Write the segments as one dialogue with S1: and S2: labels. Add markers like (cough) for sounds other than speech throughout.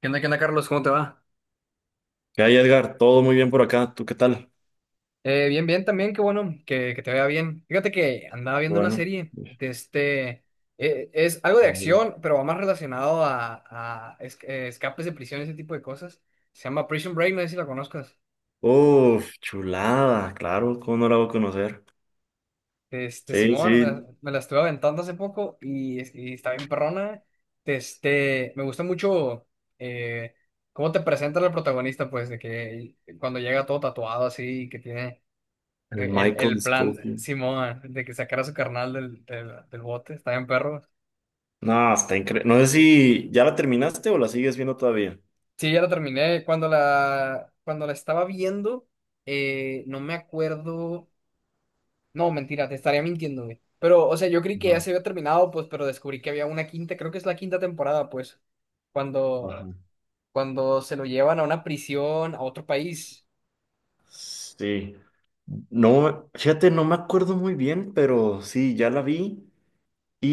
S1: Qué onda, Carlos? ¿Cómo te va?
S2: ¿Qué hay, Edgar? Todo muy bien por acá. ¿Tú qué tal?
S1: Bien, bien también, qué bueno que te vaya bien. Fíjate que andaba viendo una
S2: Bueno.
S1: serie de este... es algo de
S2: No, no.
S1: acción, pero va más relacionado a escapes de prisión, ese tipo de cosas. Se llama Prison Break, no sé si la conozcas.
S2: Uf, chulada. Claro, ¿cómo no la voy a conocer?
S1: Este,
S2: Sí,
S1: Simón, me, la
S2: sí.
S1: me la estuve aventando hace poco y está bien perrona. Este, me gusta mucho eh, cómo te presenta la protagonista, pues, de que cuando llega todo tatuado así, que tiene.
S2: El
S1: El,
S2: Michael
S1: el plan
S2: Scofield.
S1: Simón, de que sacara a su carnal del bote, está bien perro.
S2: No, está increíble. No sé si ya la terminaste o la sigues viendo todavía.
S1: Sí, ya la terminé. Cuando la estaba viendo, no me acuerdo. No, mentira, te estaría mintiendo, güey. Pero, o sea, yo creí que
S2: Ajá,
S1: ya se había terminado, pues, pero descubrí que había una quinta, creo que es la quinta temporada, pues. Cuando,
S2: ajá.
S1: cuando se lo llevan a una prisión, a otro país.
S2: Sí. No, fíjate, no me acuerdo muy bien, pero sí, ya la vi.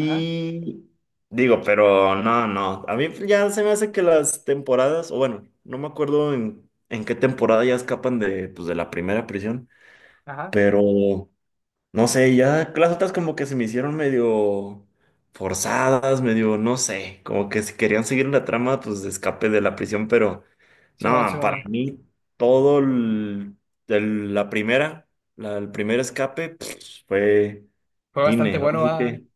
S1: Ajá,
S2: digo, pero no, no. A mí ya se me hace que las temporadas, o bueno, no me acuerdo en qué temporada ya escapan de, pues, de la primera prisión,
S1: ajá.
S2: pero no sé, ya las otras como que se me hicieron medio forzadas, medio, no sé, como que si querían seguir la trama, pues de escape de la prisión, pero
S1: Simón,
S2: no, para
S1: Simón.
S2: mí todo el- la primera, el primer escape, pues, fue
S1: Fue bastante
S2: cine,
S1: bueno, ah.
S2: así.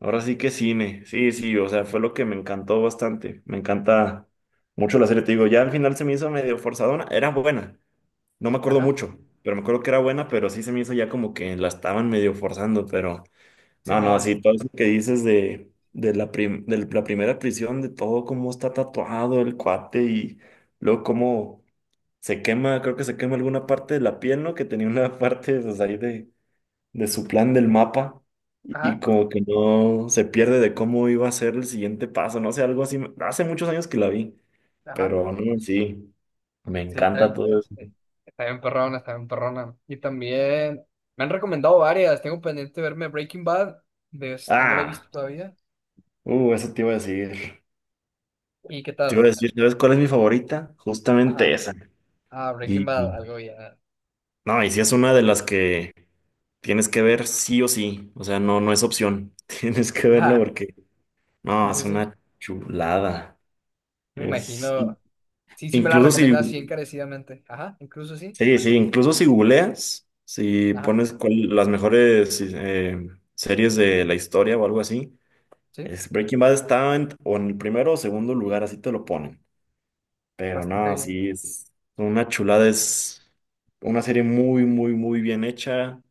S2: Ahora sí que cine, sí, sí, o sea, fue lo que me encantó bastante. Me encanta mucho la serie, te digo, ya al final se me hizo medio forzadona, era buena, no me acuerdo
S1: Ajá,
S2: mucho, pero me acuerdo que era buena, pero sí se me hizo ya como que la estaban medio forzando, pero no, no,
S1: Simón.
S2: sí, todo eso que dices de, de la primera prisión, de todo cómo está tatuado el cuate y luego cómo se quema, creo que se quema alguna parte de la piel, ¿no? Que tenía una (laughs) parte, pues ahí de su plan del mapa. Y
S1: Ajá,
S2: como que no se pierde de cómo iba a ser el siguiente paso, no sé, algo así. Hace muchos años que la vi,
S1: ajá.
S2: pero no, sí, me
S1: Sí, está
S2: encanta
S1: bien,
S2: todo eso.
S1: está bien perrona, está bien perrona. Y también me han recomendado varias. Tengo pendiente de verme Breaking Bad. De este, no la he
S2: Ah,
S1: visto todavía.
S2: eso te iba a decir.
S1: ¿Y qué
S2: Te iba a
S1: tal?
S2: decir, ¿sabes cuál es mi favorita? Justamente
S1: Ajá.
S2: esa.
S1: Ah,
S2: Y
S1: Breaking Bad,
S2: y-
S1: algo ya.
S2: no, y sí es una de las que tienes que ver sí o sí, o sea, no, no es opción. (laughs) Tienes que
S1: (laughs)
S2: verla
S1: Ajá.
S2: porque, no,
S1: Sí,
S2: es
S1: sí, sí.
S2: una chulada.
S1: Me
S2: Es, in-
S1: imagino. Sí, sí me la
S2: incluso si
S1: recomienda así encarecidamente. Ajá, incluso sí.
S2: Sí, sí, incluso si googleas, si
S1: Ajá,
S2: pones las mejores series de la historia o algo así,
S1: sí.
S2: es Breaking Bad está en, o en el primero o segundo lugar, así te lo ponen. Pero
S1: Bastante
S2: no,
S1: bien,
S2: sí,
S1: ¿no?
S2: es una chulada, es una serie muy, muy, muy bien hecha,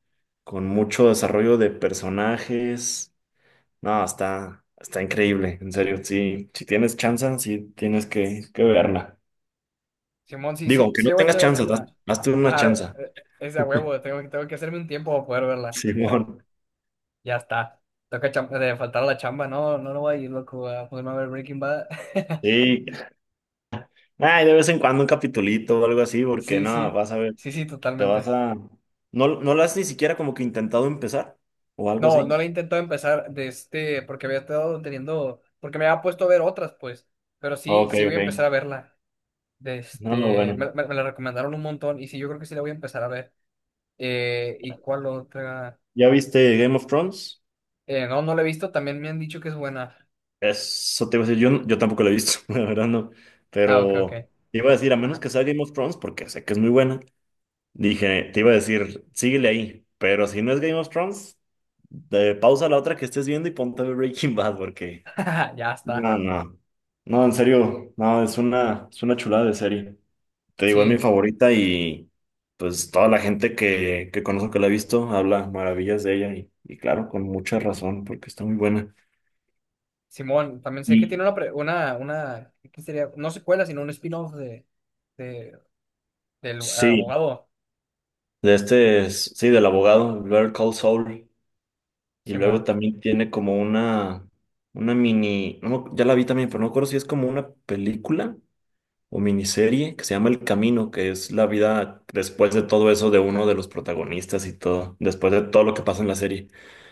S2: con mucho desarrollo de personajes. No, está increíble, en serio, sí, si tienes chance, sí tienes que verla.
S1: Simón, sí,
S2: Digo,
S1: sí,
S2: aunque
S1: sí
S2: no
S1: le voy a
S2: tengas chance,
S1: echar. Ah,
S2: hazte una
S1: ajá,
S2: chance.
S1: es de a huevo. Tengo que hacerme un tiempo para poder
S2: (laughs)
S1: verla.
S2: Simón.
S1: Ya está. De faltar a la chamba, no, no voy a ir, loco, a ponerme a ver Breaking Bad. (laughs)
S2: Sí, Ay, de vez en cuando un capitulito o algo así, porque
S1: Sí,
S2: no,
S1: sí,
S2: vas a ver,
S1: sí, sí,
S2: te vas
S1: totalmente.
S2: a... ¿No, no lo has ni siquiera como que intentado empezar? ¿O algo
S1: No, no le
S2: así?
S1: he intentado empezar de este, porque había estado teniendo, porque me había puesto a ver otras, pues, pero sí,
S2: Ok,
S1: sí voy a
S2: ok.
S1: empezar a verla. De
S2: No,
S1: este,
S2: bueno.
S1: me la recomendaron un montón y sí, yo creo que sí la voy a empezar a ver. ¿Y cuál otra?
S2: ¿Ya viste Game of Thrones?
S1: No, no la he visto, también me han dicho que es buena.
S2: Eso te iba a decir, yo, yo tampoco lo he visto, (laughs) la verdad no.
S1: Ah, ok, ok.
S2: Pero te iba a decir, a menos
S1: Ajá.
S2: que sea Game of Thrones, porque sé que es muy buena, dije, te iba a decir, síguele ahí. Pero si no es Game of Thrones, pausa la otra que estés viendo y ponte a ver Breaking (laughs) Bad, porque...
S1: (laughs) Ya está.
S2: No, no. No, en serio, no, es una chulada de serie. Te digo, es mi
S1: Sí.
S2: favorita y pues toda la gente que conozco que la ha visto habla maravillas de ella y claro, con mucha razón porque está muy buena.
S1: Simón, también sé que
S2: Y
S1: tiene una ¿qué sería? No secuela, sino un spin-off de, del
S2: sí,
S1: abogado,
S2: sí, del abogado, Better Call Saul. Y luego
S1: Simón.
S2: también tiene como una mini, no, ya la vi también, pero no me acuerdo si es como una película o miniserie que se llama El Camino, que es la vida después de todo eso de uno de los protagonistas y todo, después de todo lo que pasa en la serie.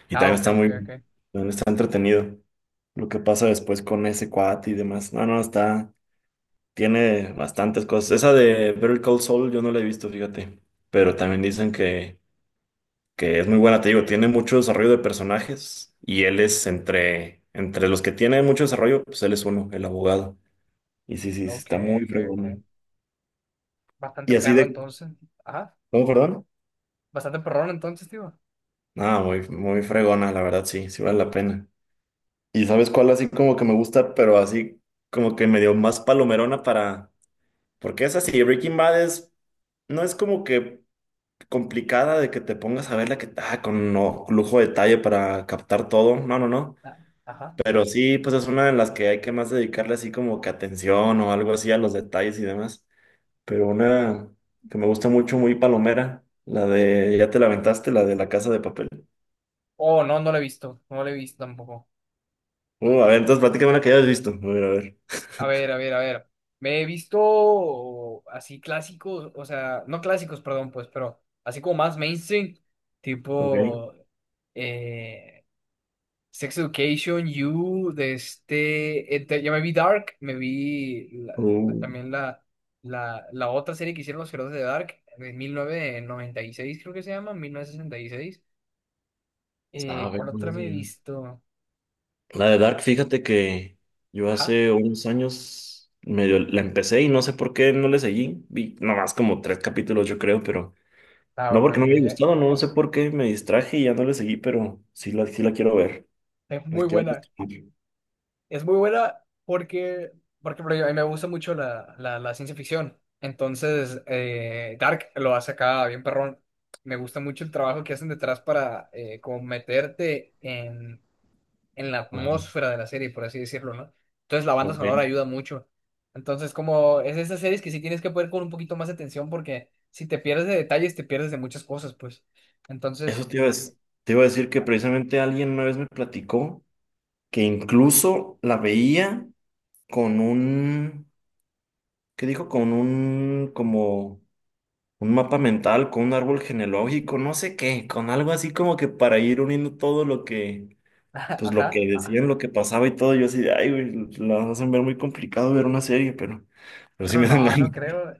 S2: Y
S1: Ah,
S2: también
S1: ok,
S2: está
S1: ok,
S2: muy,
S1: ok.
S2: también está entretenido lo que pasa después con ese cuate y demás. No, no, está, tiene bastantes cosas. Esa de Better Call Saul yo no la he visto, fíjate, pero también dicen que es muy buena, te digo, tiene mucho desarrollo de personajes y él es entre... Entre los que tiene mucho desarrollo, pues él es uno, el abogado. Y sí, sí, sí,
S1: Ok,
S2: está muy
S1: ok, ok.
S2: fregón.
S1: Bastante
S2: Y así
S1: perro
S2: de,
S1: entonces. Ajá.
S2: ¿Cómo, perdón?
S1: Bastante perrón entonces, tío.
S2: Ah, muy, muy fregona, la verdad, sí, sí vale la pena. ¿Y sabes cuál así como que me gusta, pero así como que me dio más palomerona para... Porque es así, Breaking Bad es... No es como que complicada de que te pongas a verla que ah, con no, lujo de detalle para captar todo. No, no, no.
S1: Ah, ajá.
S2: Pero sí, pues es una de las que hay que más dedicarle así como que atención o algo así a los detalles y demás. Pero una que me gusta mucho, muy palomera, la de... ¿Ya te la aventaste? La de La Casa de Papel.
S1: Oh, no, no lo he visto. No lo he visto tampoco.
S2: A ver, entonces
S1: Y-
S2: platícame una que hayas visto. A ver, a ver.
S1: A ver, a ver, a ver. Me he visto así clásicos, o sea, no clásicos, perdón, pues, pero así como más mainstream,
S2: Ok.
S1: tipo... Eh, Sex Education, You, de este, ya me vi Dark, me vi
S2: Uh,
S1: también la otra serie que hicieron los creadores de Dark, de 1996 creo que se llama, 1966.
S2: a ver,
S1: ¿Cuál otra
S2: ¿cómo
S1: me he
S2: sería?
S1: visto?
S2: La de Dark, fíjate que yo
S1: Ajá.
S2: hace unos años medio la empecé y no sé por qué no le seguí. Vi nomás como tres capítulos, yo creo, pero
S1: Ah,
S2: no
S1: ok,
S2: porque no
S1: ok.
S2: me haya gustado, no sé por qué me distraje y ya no le seguí, pero sí la quiero ver.
S1: Es
S2: La
S1: muy
S2: quiero
S1: buena.
S2: retomar.
S1: Es muy buena porque, porque por ejemplo, a mí me gusta mucho la ciencia ficción. Entonces, Dark lo hace acá bien perrón. Me gusta mucho el trabajo que hacen detrás para como meterte en la
S2: Ajá.
S1: atmósfera de la serie, por así decirlo, ¿no? Entonces la banda sonora
S2: Ok.
S1: ayuda mucho. Entonces, como es de esas series que sí tienes que poder con un poquito más de atención porque si te pierdes de detalles, te pierdes de muchas cosas, pues.
S2: Eso
S1: Entonces,
S2: te iba a
S1: (laughs)
S2: decir que precisamente alguien una vez me platicó que incluso la veía con un ¿Qué dijo? Con un, como, un mapa mental, con un árbol genealógico, no sé qué, con algo así como que para ir uniendo todo lo que, pues lo que
S1: ajá, ah,
S2: decían, lo que pasaba y todo. Yo así de, ay, güey, la hacen ver muy complicado ver una serie, pero sí
S1: pero
S2: me dan
S1: no,
S2: ganas.
S1: no
S2: (laughs)
S1: creo.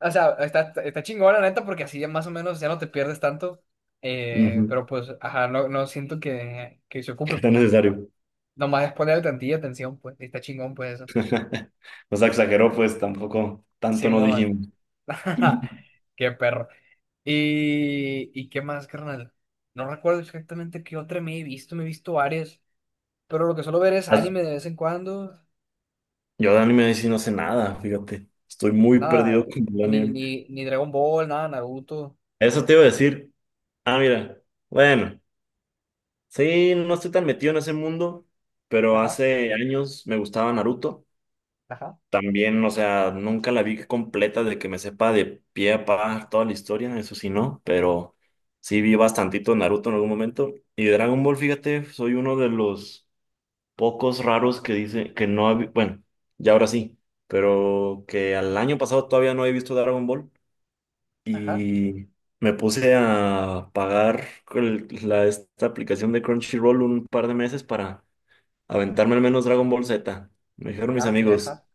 S1: O sea, está, está chingón la neta porque así ya más o menos ya no te pierdes tanto.
S2: Ujú,
S1: Pero pues, ajá, no, no siento que se ocupe,
S2: que tan
S1: pues.
S2: necesario.
S1: Nomás es ponerle tantilla atención, pues. Y está chingón, pues eso.
S2: (laughs) O sea, exageró, pues tampoco, tanto no
S1: Simón.
S2: dijimos.
S1: (laughs)
S2: (laughs)
S1: Qué perro. Y qué más, carnal? No recuerdo exactamente qué otra me he visto varias, pero lo que suelo ver es
S2: As-
S1: anime de vez en cuando,
S2: Yo de anime sí no sé nada, fíjate. Estoy muy perdido
S1: nada,
S2: con el
S1: ni,
S2: anime.
S1: ni, ni Dragon Ball, nada, Naruto,
S2: Eso te iba a decir. Ah, mira. Bueno. Sí, no estoy tan metido en ese mundo, pero
S1: ajá,
S2: hace años me gustaba Naruto.
S1: ajá,
S2: También, o sea, nunca la vi completa de que me sepa de pie a pa toda la historia, eso sí no, pero sí vi bastantito Naruto en algún momento. Y de Dragon Ball, fíjate, soy uno de los pocos raros que dice que no ha vi- bueno, ya ahora sí, pero que al año pasado todavía no he visto Dragon Ball
S1: ajá,
S2: y me puse a pagar esta aplicación de Crunchyroll un par de meses para aventarme al menos Dragon Ball Z. Me dijeron mis
S1: ah, ok,
S2: amigos,
S1: ajá.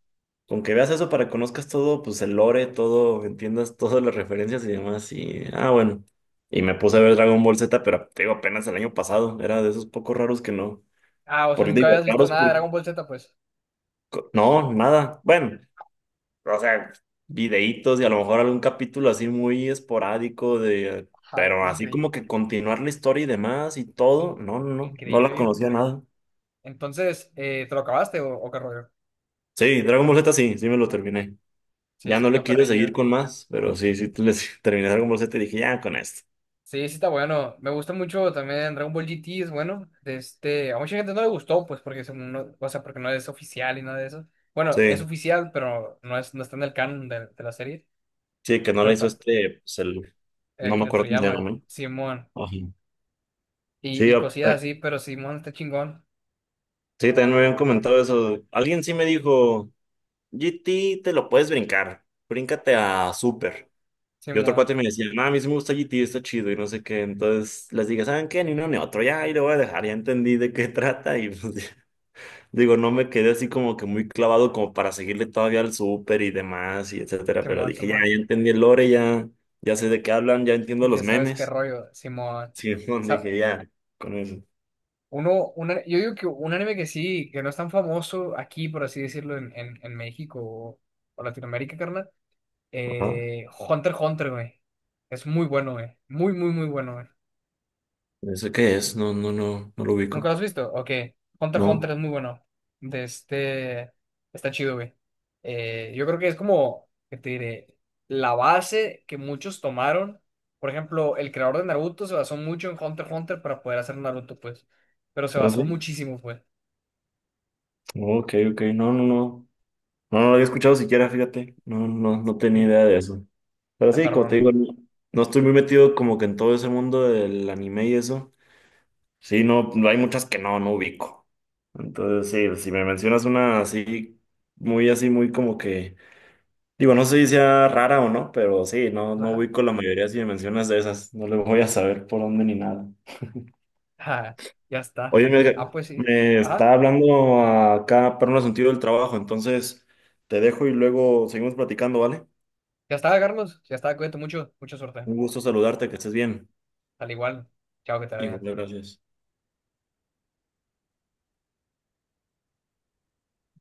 S2: con que veas eso para que conozcas todo, pues el lore, todo, entiendas (laughs) todas las referencias y demás. Y, bueno. Y me puse a ver Dragon Ball Z, pero te digo, apenas el año pasado. Era de esos pocos raros que no.
S1: Ah, o sea,
S2: Porque
S1: nunca
S2: digo,
S1: habías visto
S2: raros
S1: nada de
S2: por...
S1: Dragon Ball Z, pues,
S2: No, nada. Bueno, o sea, videitos y a lo mejor algún capítulo así muy esporádico de...
S1: ajá,
S2: Pero así
S1: increíble,
S2: como que continuar la historia y demás y todo. No, no, no. No la
S1: increíble, viejo.
S2: conocía nada.
S1: Entonces, ¿te lo acabaste o qué rollo?
S2: Sí, Dragon Ball Z sí, sí me lo terminé.
S1: Sí,
S2: Ya
S1: sí,
S2: no le
S1: está
S2: quise seguir
S1: perrillo.
S2: con más, pero sí, sí, les (laughs) terminé Dragon Ball Z (laughs) y dije, ya con esto.
S1: Sí, sí está bueno. Me gusta mucho también Dragon Ball GT, es bueno. De este, a mucha gente no le gustó, pues, porque según no, o sea, porque no es oficial y nada de eso. Bueno, es
S2: Sí,
S1: oficial, pero no es, no está en el canon de la serie.
S2: sí, que no la
S1: Pero
S2: hizo
S1: tam-
S2: este, pues el, no me
S1: Akira
S2: acuerdo cómo se llama,
S1: Toriyama,
S2: ¿no?
S1: Simón,
S2: Ajá. Sí,
S1: y cosillas así, pero Simón está chingón.
S2: sí, también me habían comentado eso. Alguien sí me dijo, GT te lo puedes brincar, bríncate a Super. Y otro
S1: Simón,
S2: cuate me decía, no, a mí sí me gusta GT, está chido y no sé qué. Entonces les dije, ¿saben qué? Ni uno ni otro, ya ahí lo voy a dejar, ya entendí de qué (laughs) trata y pues. (laughs) Digo, no me quedé así como que muy clavado como para seguirle todavía al súper y demás y etcétera, pero
S1: Simón,
S2: dije, ya,
S1: Simón.
S2: ya entendí el lore, ya, ya sé de qué hablan, ya entiendo los
S1: Ya sabes qué
S2: memes.
S1: rollo, Simón.
S2: Sí, (laughs) bueno,
S1: Sa-
S2: dije, ya, con eso.
S1: yo digo que un anime que sí, que no es tan famoso aquí, por así decirlo, en México o Latinoamérica, carnal.
S2: Ajá.
S1: Hunter x Hunter, güey. Es muy bueno, güey. Muy, muy, muy bueno, güey.
S2: ¿Eso qué es? No, no, no, no lo
S1: ¿Nunca
S2: ubico.
S1: lo has visto? Ok. Hunter x
S2: No.
S1: Hunter es muy bueno. De este... Está chido, güey. Yo creo que es como, ¿qué te diré? La base que muchos tomaron. Por ejemplo, el creador de Naruto se basó mucho en Hunter x Hunter para poder hacer Naruto, pues. Pero se
S2: ¿No
S1: basó
S2: sí?
S1: muchísimo, pues.
S2: Ok, ok, no, no, no. No, no lo había escuchado siquiera, fíjate. No, no, no tenía
S1: Sí.
S2: idea de eso. Pero
S1: Está
S2: sí, como te
S1: perrona, güey.
S2: digo, no no estoy muy metido como que en todo ese mundo del anime y eso. Sí, no, no hay muchas que no, no ubico. Entonces, sí, si me mencionas una así, muy como que, digo, no sé si sea rara o no, pero sí, no, no
S1: Ajá.
S2: ubico la mayoría si me mencionas de esas, no le voy a saber por dónde ni nada.
S1: Ajá. Ya está.
S2: Oye,
S1: Ah,
S2: me,
S1: pues sí.
S2: me está
S1: Ajá.
S2: hablando acá para un asunto del trabajo, entonces te dejo y luego seguimos platicando, ¿vale?
S1: Ya está, Carlos. Ya está. Cuídate mucho. Mucha suerte.
S2: Un gusto saludarte, que estés bien.
S1: Al igual, chao, que te vaya bien.
S2: Igual, gracias.